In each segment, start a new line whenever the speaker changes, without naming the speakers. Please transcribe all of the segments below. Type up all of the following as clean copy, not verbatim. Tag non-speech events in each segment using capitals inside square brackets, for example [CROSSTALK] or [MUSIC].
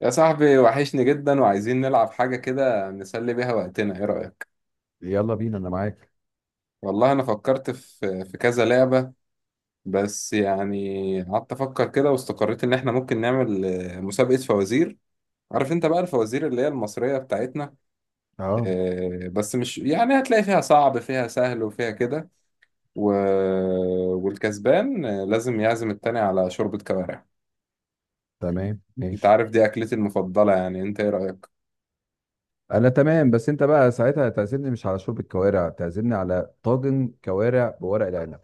يا صاحبي وحشني جدا وعايزين نلعب حاجة كده نسلي بيها وقتنا، ايه رأيك؟
يلا بينا، انا معاك.
والله انا فكرت في كذا لعبة. بس يعني قعدت افكر كده واستقريت ان احنا ممكن نعمل مسابقة فوازير. عارف انت بقى الفوازير اللي هي المصرية بتاعتنا.
اه،
بس مش يعني هتلاقي فيها صعب، فيها سهل، وفيها كده و... والكسبان لازم يعزم التاني على شوربة كوارع.
تمام،
انت
ماشي.
عارف دي اكلتي المفضلة، يعني انت ايه رأيك؟
انا تمام، بس انت بقى ساعتها هتعزمني مش على شوربة كوارع، تعزمني على طاجن كوارع بورق العنب.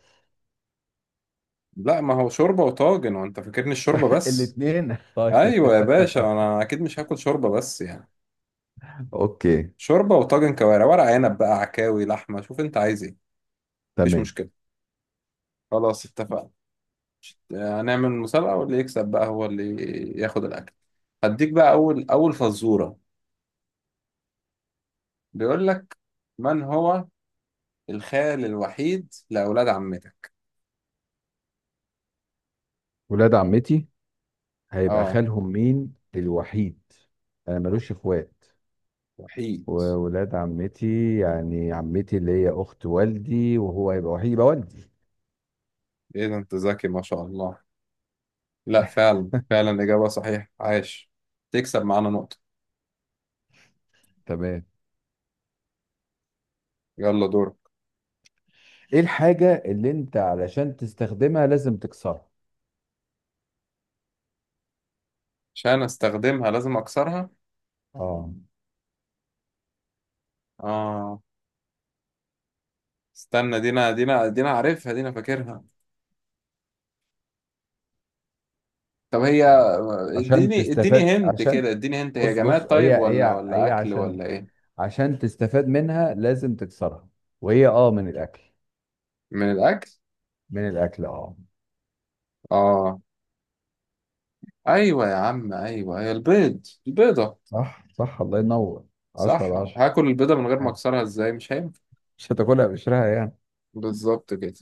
لا ما هو شوربة وطاجن، وانت فاكرني الشوربة
[LAUGHS]
بس.
الاتنين [LAUGHS] طيب.
ايوه يا باشا، انا اكيد مش هاكل شوربه بس، يعني
[LAUGHS] اوكي.
شوربه وطاجن كوارع، ورق عنب بقى، عكاوي، لحمه، شوف انت عايز ايه. مفيش
تمام.
مشكله، خلاص اتفقنا. هنعمل مسابقه واللي يكسب بقى هو اللي ياخد الاكل. هديك بقى اول فزوره. بيقول لك، من هو الخال الوحيد لاولاد عمتك؟
ولاد عمتي هيبقى
اه،
خالهم مين الوحيد؟ انا ملوش
وح-
اخوات.
وحيد.
وولاد عمتي، يعني عمتي اللي هي اخت والدي، وهو هيبقى وحيد يبقى والدي.
ايه ده، انت ذكي ما شاء الله. لا فعلا، اجابه صحيحه، عاش. تكسب معانا نقطه.
تمام.
يلا دورك.
ايه الحاجة اللي انت علشان تستخدمها لازم تكسرها؟
عشان استخدمها لازم اكسرها؟
اه.
آه، استنى. دينا، عارفها، دينا فاكرها. طب هي
يعني عشان
اديني، اديني،
تستفاد،
هنت
عشان...
كده. اديني هنت، هي
بص،
جماد
بص، هي
طيب ولا
هي
ولا
هي
اكل
عشان
ولا ايه؟
عشان تستفاد منها لازم تكسرها. وهي، من الاكل.
من الاكل؟
من الاكل، اه.
اه، ايوه يا عم، ايوه، هي البيض، البيضة.
صح، صح، الله ينور. 10
صح،
على 10.
هاكل البيضة من غير ما
آه.
اكسرها ازاي؟ مش هينفع.
مش هتاكلها بقشرها، يعني.
بالظبط كده.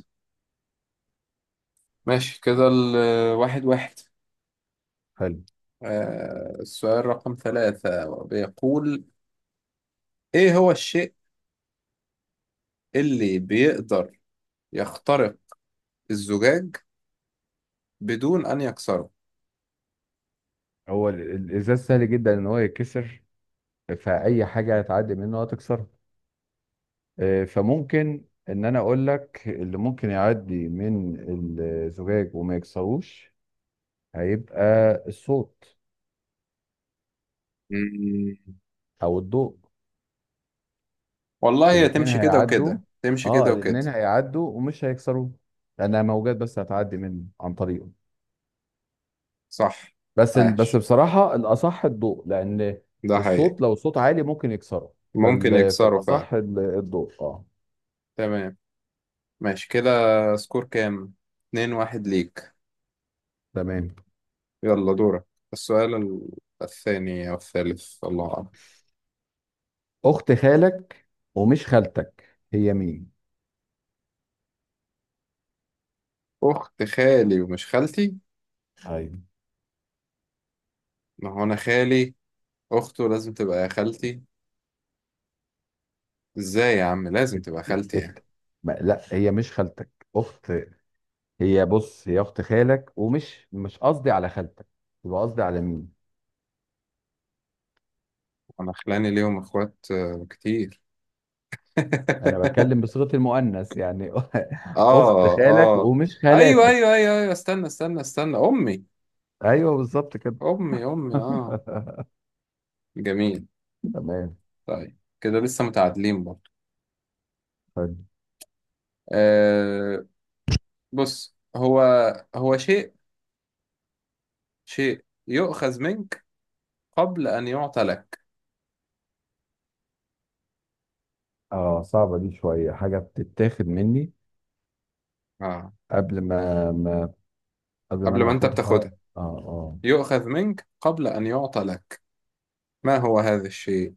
ماشي كده، الواحد واحد.
حلو.
آه، السؤال رقم ثلاثة بيقول، ايه هو الشيء اللي بيقدر يخترق الزجاج بدون ان يكسره؟
هو الازاز سهل جدا ان هو يتكسر، فاي حاجه هتعدي منه هتكسرها. فممكن ان انا اقول لك اللي ممكن يعدي من الزجاج وما يكسروش، هيبقى الصوت
مم.
او الضوء.
والله، هي
الاتنين
تمشي كده
هيعدوا.
وكده، تمشي
اه،
كده وكده.
الاتنين هيعدوا ومش هيكسروه، لانها موجات بس هتعدي منه عن طريقه.
صح.
بس
عاش،
بصراحه الاصح الضوء، لان
ده حقيقي.
الصوت لو صوت عالي ممكن يكسره.
ممكن يكسروا فعلا.
فالاصح الضوء، اه.
تمام، ماشي كده. سكور كام؟ اتنين واحد ليك.
تمام.
يلا دورك. السؤال الثاني أو الثالث الله أعلم.
اخت خالك ومش خالتك، هي مين؟
أخت خالي ومش خالتي،
ايوه.
ما هو أنا خالي أخته لازم تبقى خالتي. إزاي يا عم لازم
ات...
تبقى
ات...
خالتي
ات...
يعني.
ما... لا، هي مش خالتك اخت. هي، بص، هي اخت خالك، ومش مش قصدي على خالتك. يبقى قصدي على مين؟
أنا خلاني ليهم إخوات كتير. [LAUGHS]
انا بتكلم بصيغة المؤنث، يعني. [LAUGHS] اخت
آه
خالك
آه،
ومش
أيوه
خالاتك.
أيوه أيوه أيوه استنى، أمي،
ايوه، بالظبط كده.
أمي، أمي، آه.
[LAUGHS]
جميل.
تمام.
طيب كده لسه متعادلين برضه.
حلو.
آه، بص، هو شيء، شيء يؤخذ منك قبل أن يعطى لك.
اه، صعبة دي شوية. حاجة بتتاخد مني
آه،
قبل ما, ما قبل ما
قبل
انا
ما أنت
اخدها،
بتاخدها.
اه. اه.
يؤخذ منك قبل أن يعطى لك، ما هو هذا الشيء؟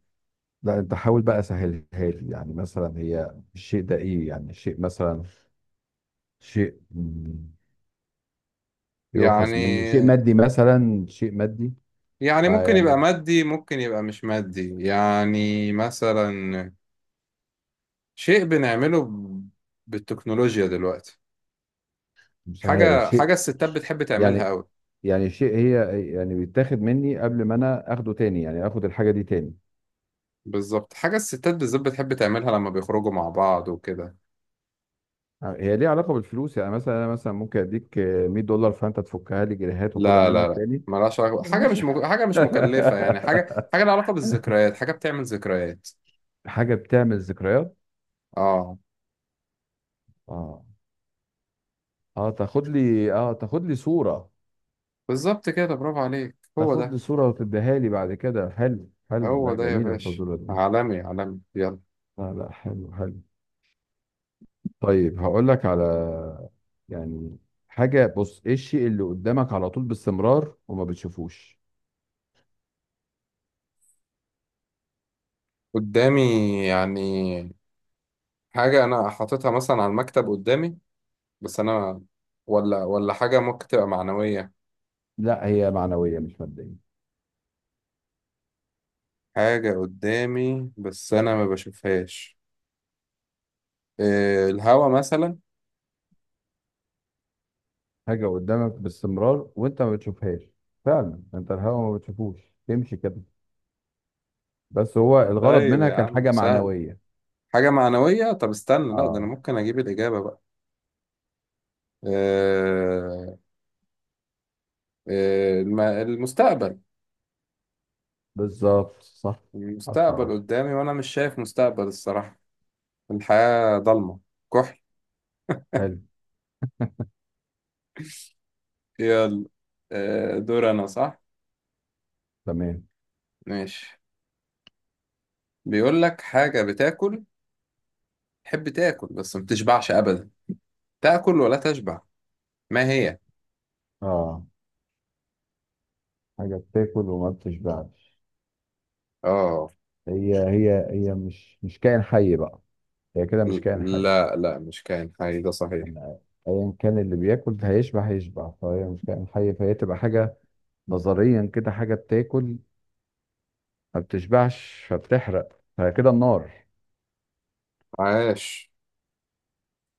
لا، انت حاول بقى سهلها لي. يعني مثلا، هي الشيء ده ايه يعني؟ شيء مثلا، شيء، يؤخذ مني
يعني،
شيء مادي مثلا، شيء مادي.
يعني
ما
ممكن يبقى
يعني.
مادي ممكن يبقى مش مادي، يعني مثلا شيء بنعمله بالتكنولوجيا دلوقتي.
مش عارف،
حاجة
شيء.
الستات بتحب تعملها
يعني
أوي.
يعني شيء، هي، يعني بيتاخد مني قبل ما انا اخده تاني، يعني اخد الحاجه دي تاني.
بالظبط، حاجة الستات بالذات بتحب تعملها لما بيخرجوا مع بعض وكده.
هي ليها علاقه بالفلوس؟ يعني مثلا، انا مثلا ممكن اديك 100 دولار فانت تفكها لي جنيهات واخدها
لا لا
منك
لا
تاني.
ملهاش علاقة، حاجة
ملهاش.
مش مك... حاجة مش مكلفة، يعني حاجة، حاجة لها علاقة
[LAUGHS]
بالذكريات، حاجة بتعمل ذكريات.
حاجه بتعمل ذكريات.
اه،
اه. اه، تاخد لي صوره.
بالظبط كده، برافو عليك، هو
تاخد لي
ده.
صوره وتديها لي بعد كده. حلو، حلو،
هو
لا
ده يا
جميله
باشا،
الفزوره دي.
عالمي عالمي. يلا.
لا، لا، حلو، حلو. طيب هقول لك على، يعني، حاجة. بص، ايه الشيء اللي قدامك على طول باستمرار وما بتشوفوش؟
قدامي؟ يعني حاجة أنا حاططها مثلا على المكتب قدامي بس أنا ولا حاجة ممكن تبقى معنوية.
لا، هي معنوية مش مادية.
حاجة قدامي بس أنا ما بشوفهاش، إيه؟ الهوا مثلا؟
حاجة قدامك باستمرار وانت ما بتشوفهاش. فعلا انت الهوا ما بتشوفوش، تمشي كده. بس هو الغرض
طيب
منها
يا
كان
عم
حاجة
سهل،
معنوية.
حاجة معنوية. طب استنى، لا ده أنا
اه،
ممكن أجيب الإجابة بقى. آه، آه، المستقبل.
بالظبط صح. عشرة على
المستقبل
عشرة
قدامي وأنا مش شايف مستقبل الصراحة. الحياة ضلمة كحل.
حلو.
يلا، آه، دور أنا صح.
تمام.
ماشي. بيقول لك، حاجة بتاكل، تحب تاكل بس ما بتشبعش أبدا، تاكل ولا تشبع، ما هي؟
اه، حاجة بتاكل وما بتشبعش.
آه،
هي مش كائن حي بقى. هي كده مش كائن
ل-
حي.
لا لا مش كائن حي ده صحيح.
يعني ايا كان اللي بياكل ده هيشبع، فهي مش كائن حي، فهي تبقى حاجه. نظريا كده، حاجه بتاكل ما بتشبعش، فبتحرق، فكده النار.
عاش،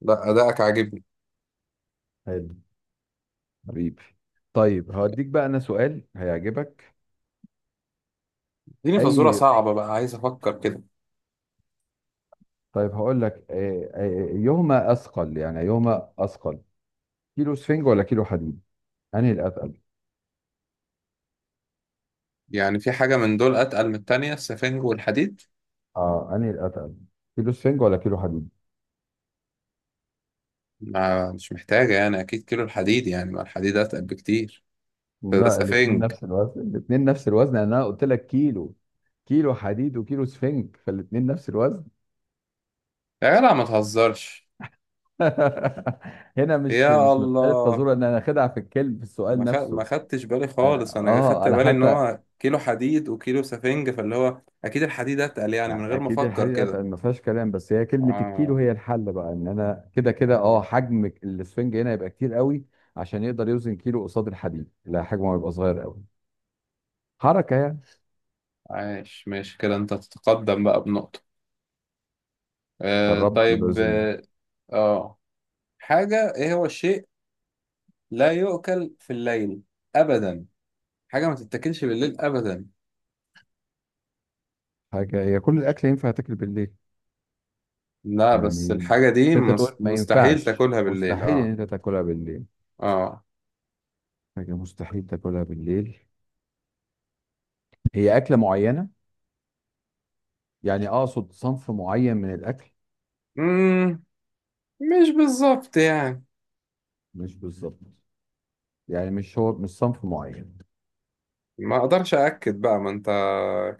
لا أداءك عاجبني.
حلو. حبيبي. طيب هوديك بقى انا سؤال هيعجبك.
اديني فزورة
اي.
صعبة بقى، عايز أفكر كده.
طيب هقول لك، ايهما اثقل، يعني ايهما اثقل، كيلو سفنج ولا كيلو حديد؟ انهي الاتقل؟
يعني في حاجة من دول أتقل من التانية، السفنج والحديد؟
اه، انهي الاتقل، كيلو سفنج ولا كيلو حديد؟
ما مش محتاجة يعني، أكيد كيلو الحديد، يعني ما الحديد أتقل بكتير. ده
لا، الاثنين
سفنج؟
نفس الوزن، الاثنين نفس الوزن، يعني انا قلت لك كيلو. كيلو حديد وكيلو سفنج، فالاثنين نفس الوزن.
يا جدع ما تهزرش.
[LAUGHS] هنا مش
يا
مش مسألة
الله،
تزور، ان انا اخدها في الكلم في السؤال
ما
نفسه.
خدتش بالي
أنا
خالص، أنا خدت
اه انا
بالي إن
حتى
هو كيلو حديد وكيلو سفنج، فاللي هو أكيد الحديد أتقل يعني من غير ما
اكيد
أفكر
الحديد اتقل،
كده.
ما فيهاش كلام. بس هي كلمة الكيلو
آه
هي الحل بقى، ان انا كده كده
طيب.
حجم السفنج هنا يبقى كتير قوي، عشان يقدر يوزن كيلو قصاد الحديد. لا، حجمه هيبقى صغير قوي. حركة يعني.
عايش، ماشي كده، أنت تتقدم بقى بنقطة. آه
قربنا من
طيب
الوزن.
آه. آه. حاجة، إيه هو الشيء لا يؤكل في الليل أبدا؟ حاجة ما تتاكلش بالليل أبدا.
حاجة، هي كل الاكل ينفع تاكل بالليل؟
لا بس
يعني
الحاجة دي
بس انت تقول ما
مستحيل
ينفعش،
تاكلها بالليل،
مستحيل ان
اه.
انت تاكلها بالليل.
اه.
حاجة مستحيل تاكلها بالليل. هي أكلة معينة؟ يعني أقصد صنف معين من الأكل.
مم. مش بالظبط يعني.
مش بالظبط، يعني، مش، هو مش صنف معين.
ما اقدرش أأكد بقى ما انت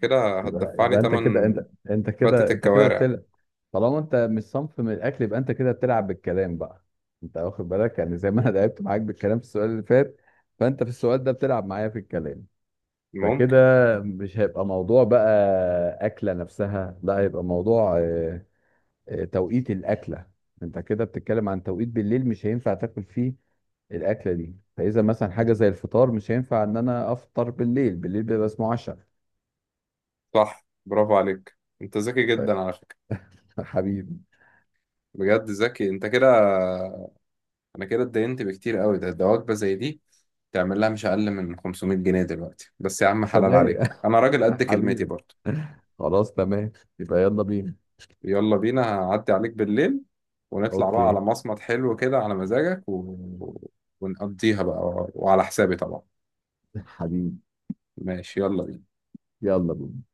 كده
يبقى
هتدفعني
يبقى
تمن فتة
أنت كده
الكوارع.
بتلعب. طالما أنت مش صنف من الأكل، يبقى أنت كده بتلعب بالكلام بقى. أنت واخد بالك؟ يعني زي ما أنا لعبت معاك بالكلام في السؤال اللي فات، فأنت في السؤال ده بتلعب معايا في الكلام.
ممكن.
فكده مش هيبقى موضوع بقى أكلة نفسها، لا هيبقى موضوع توقيت الأكلة. انت كده بتتكلم عن توقيت بالليل مش هينفع تاكل فيه الأكلة دي. فإذا مثلا حاجة زي الفطار، مش هينفع إن أنا أفطر بالليل، بالليل بيبقى اسمه عشاء.
صح، برافو عليك، انت ذكي
ف-
جدا على فكرة.
[LAUGHS] حبيبي.
بجد ذكي انت كده. انا كده اتدينت بكتير قوي، ده وجبة زي دي تعمل لها مش أقل من 500 جنيه دلوقتي، بس يا عم حلال
فده.
عليك، انا راجل قد
[LAUGHS]
كلمتي
حبيبي.
برضه.
خلاص، تمام. يبقى يلا بينا.
يلا بينا، هعدي عليك بالليل ونطلع بقى على
أوكي.
مصمت حلو كده على مزاجك ونقضيها بقى، وعلى حسابي طبعا.
[LAUGHS] حبيبي.
ماشي، يلا بينا.
يلا بينا.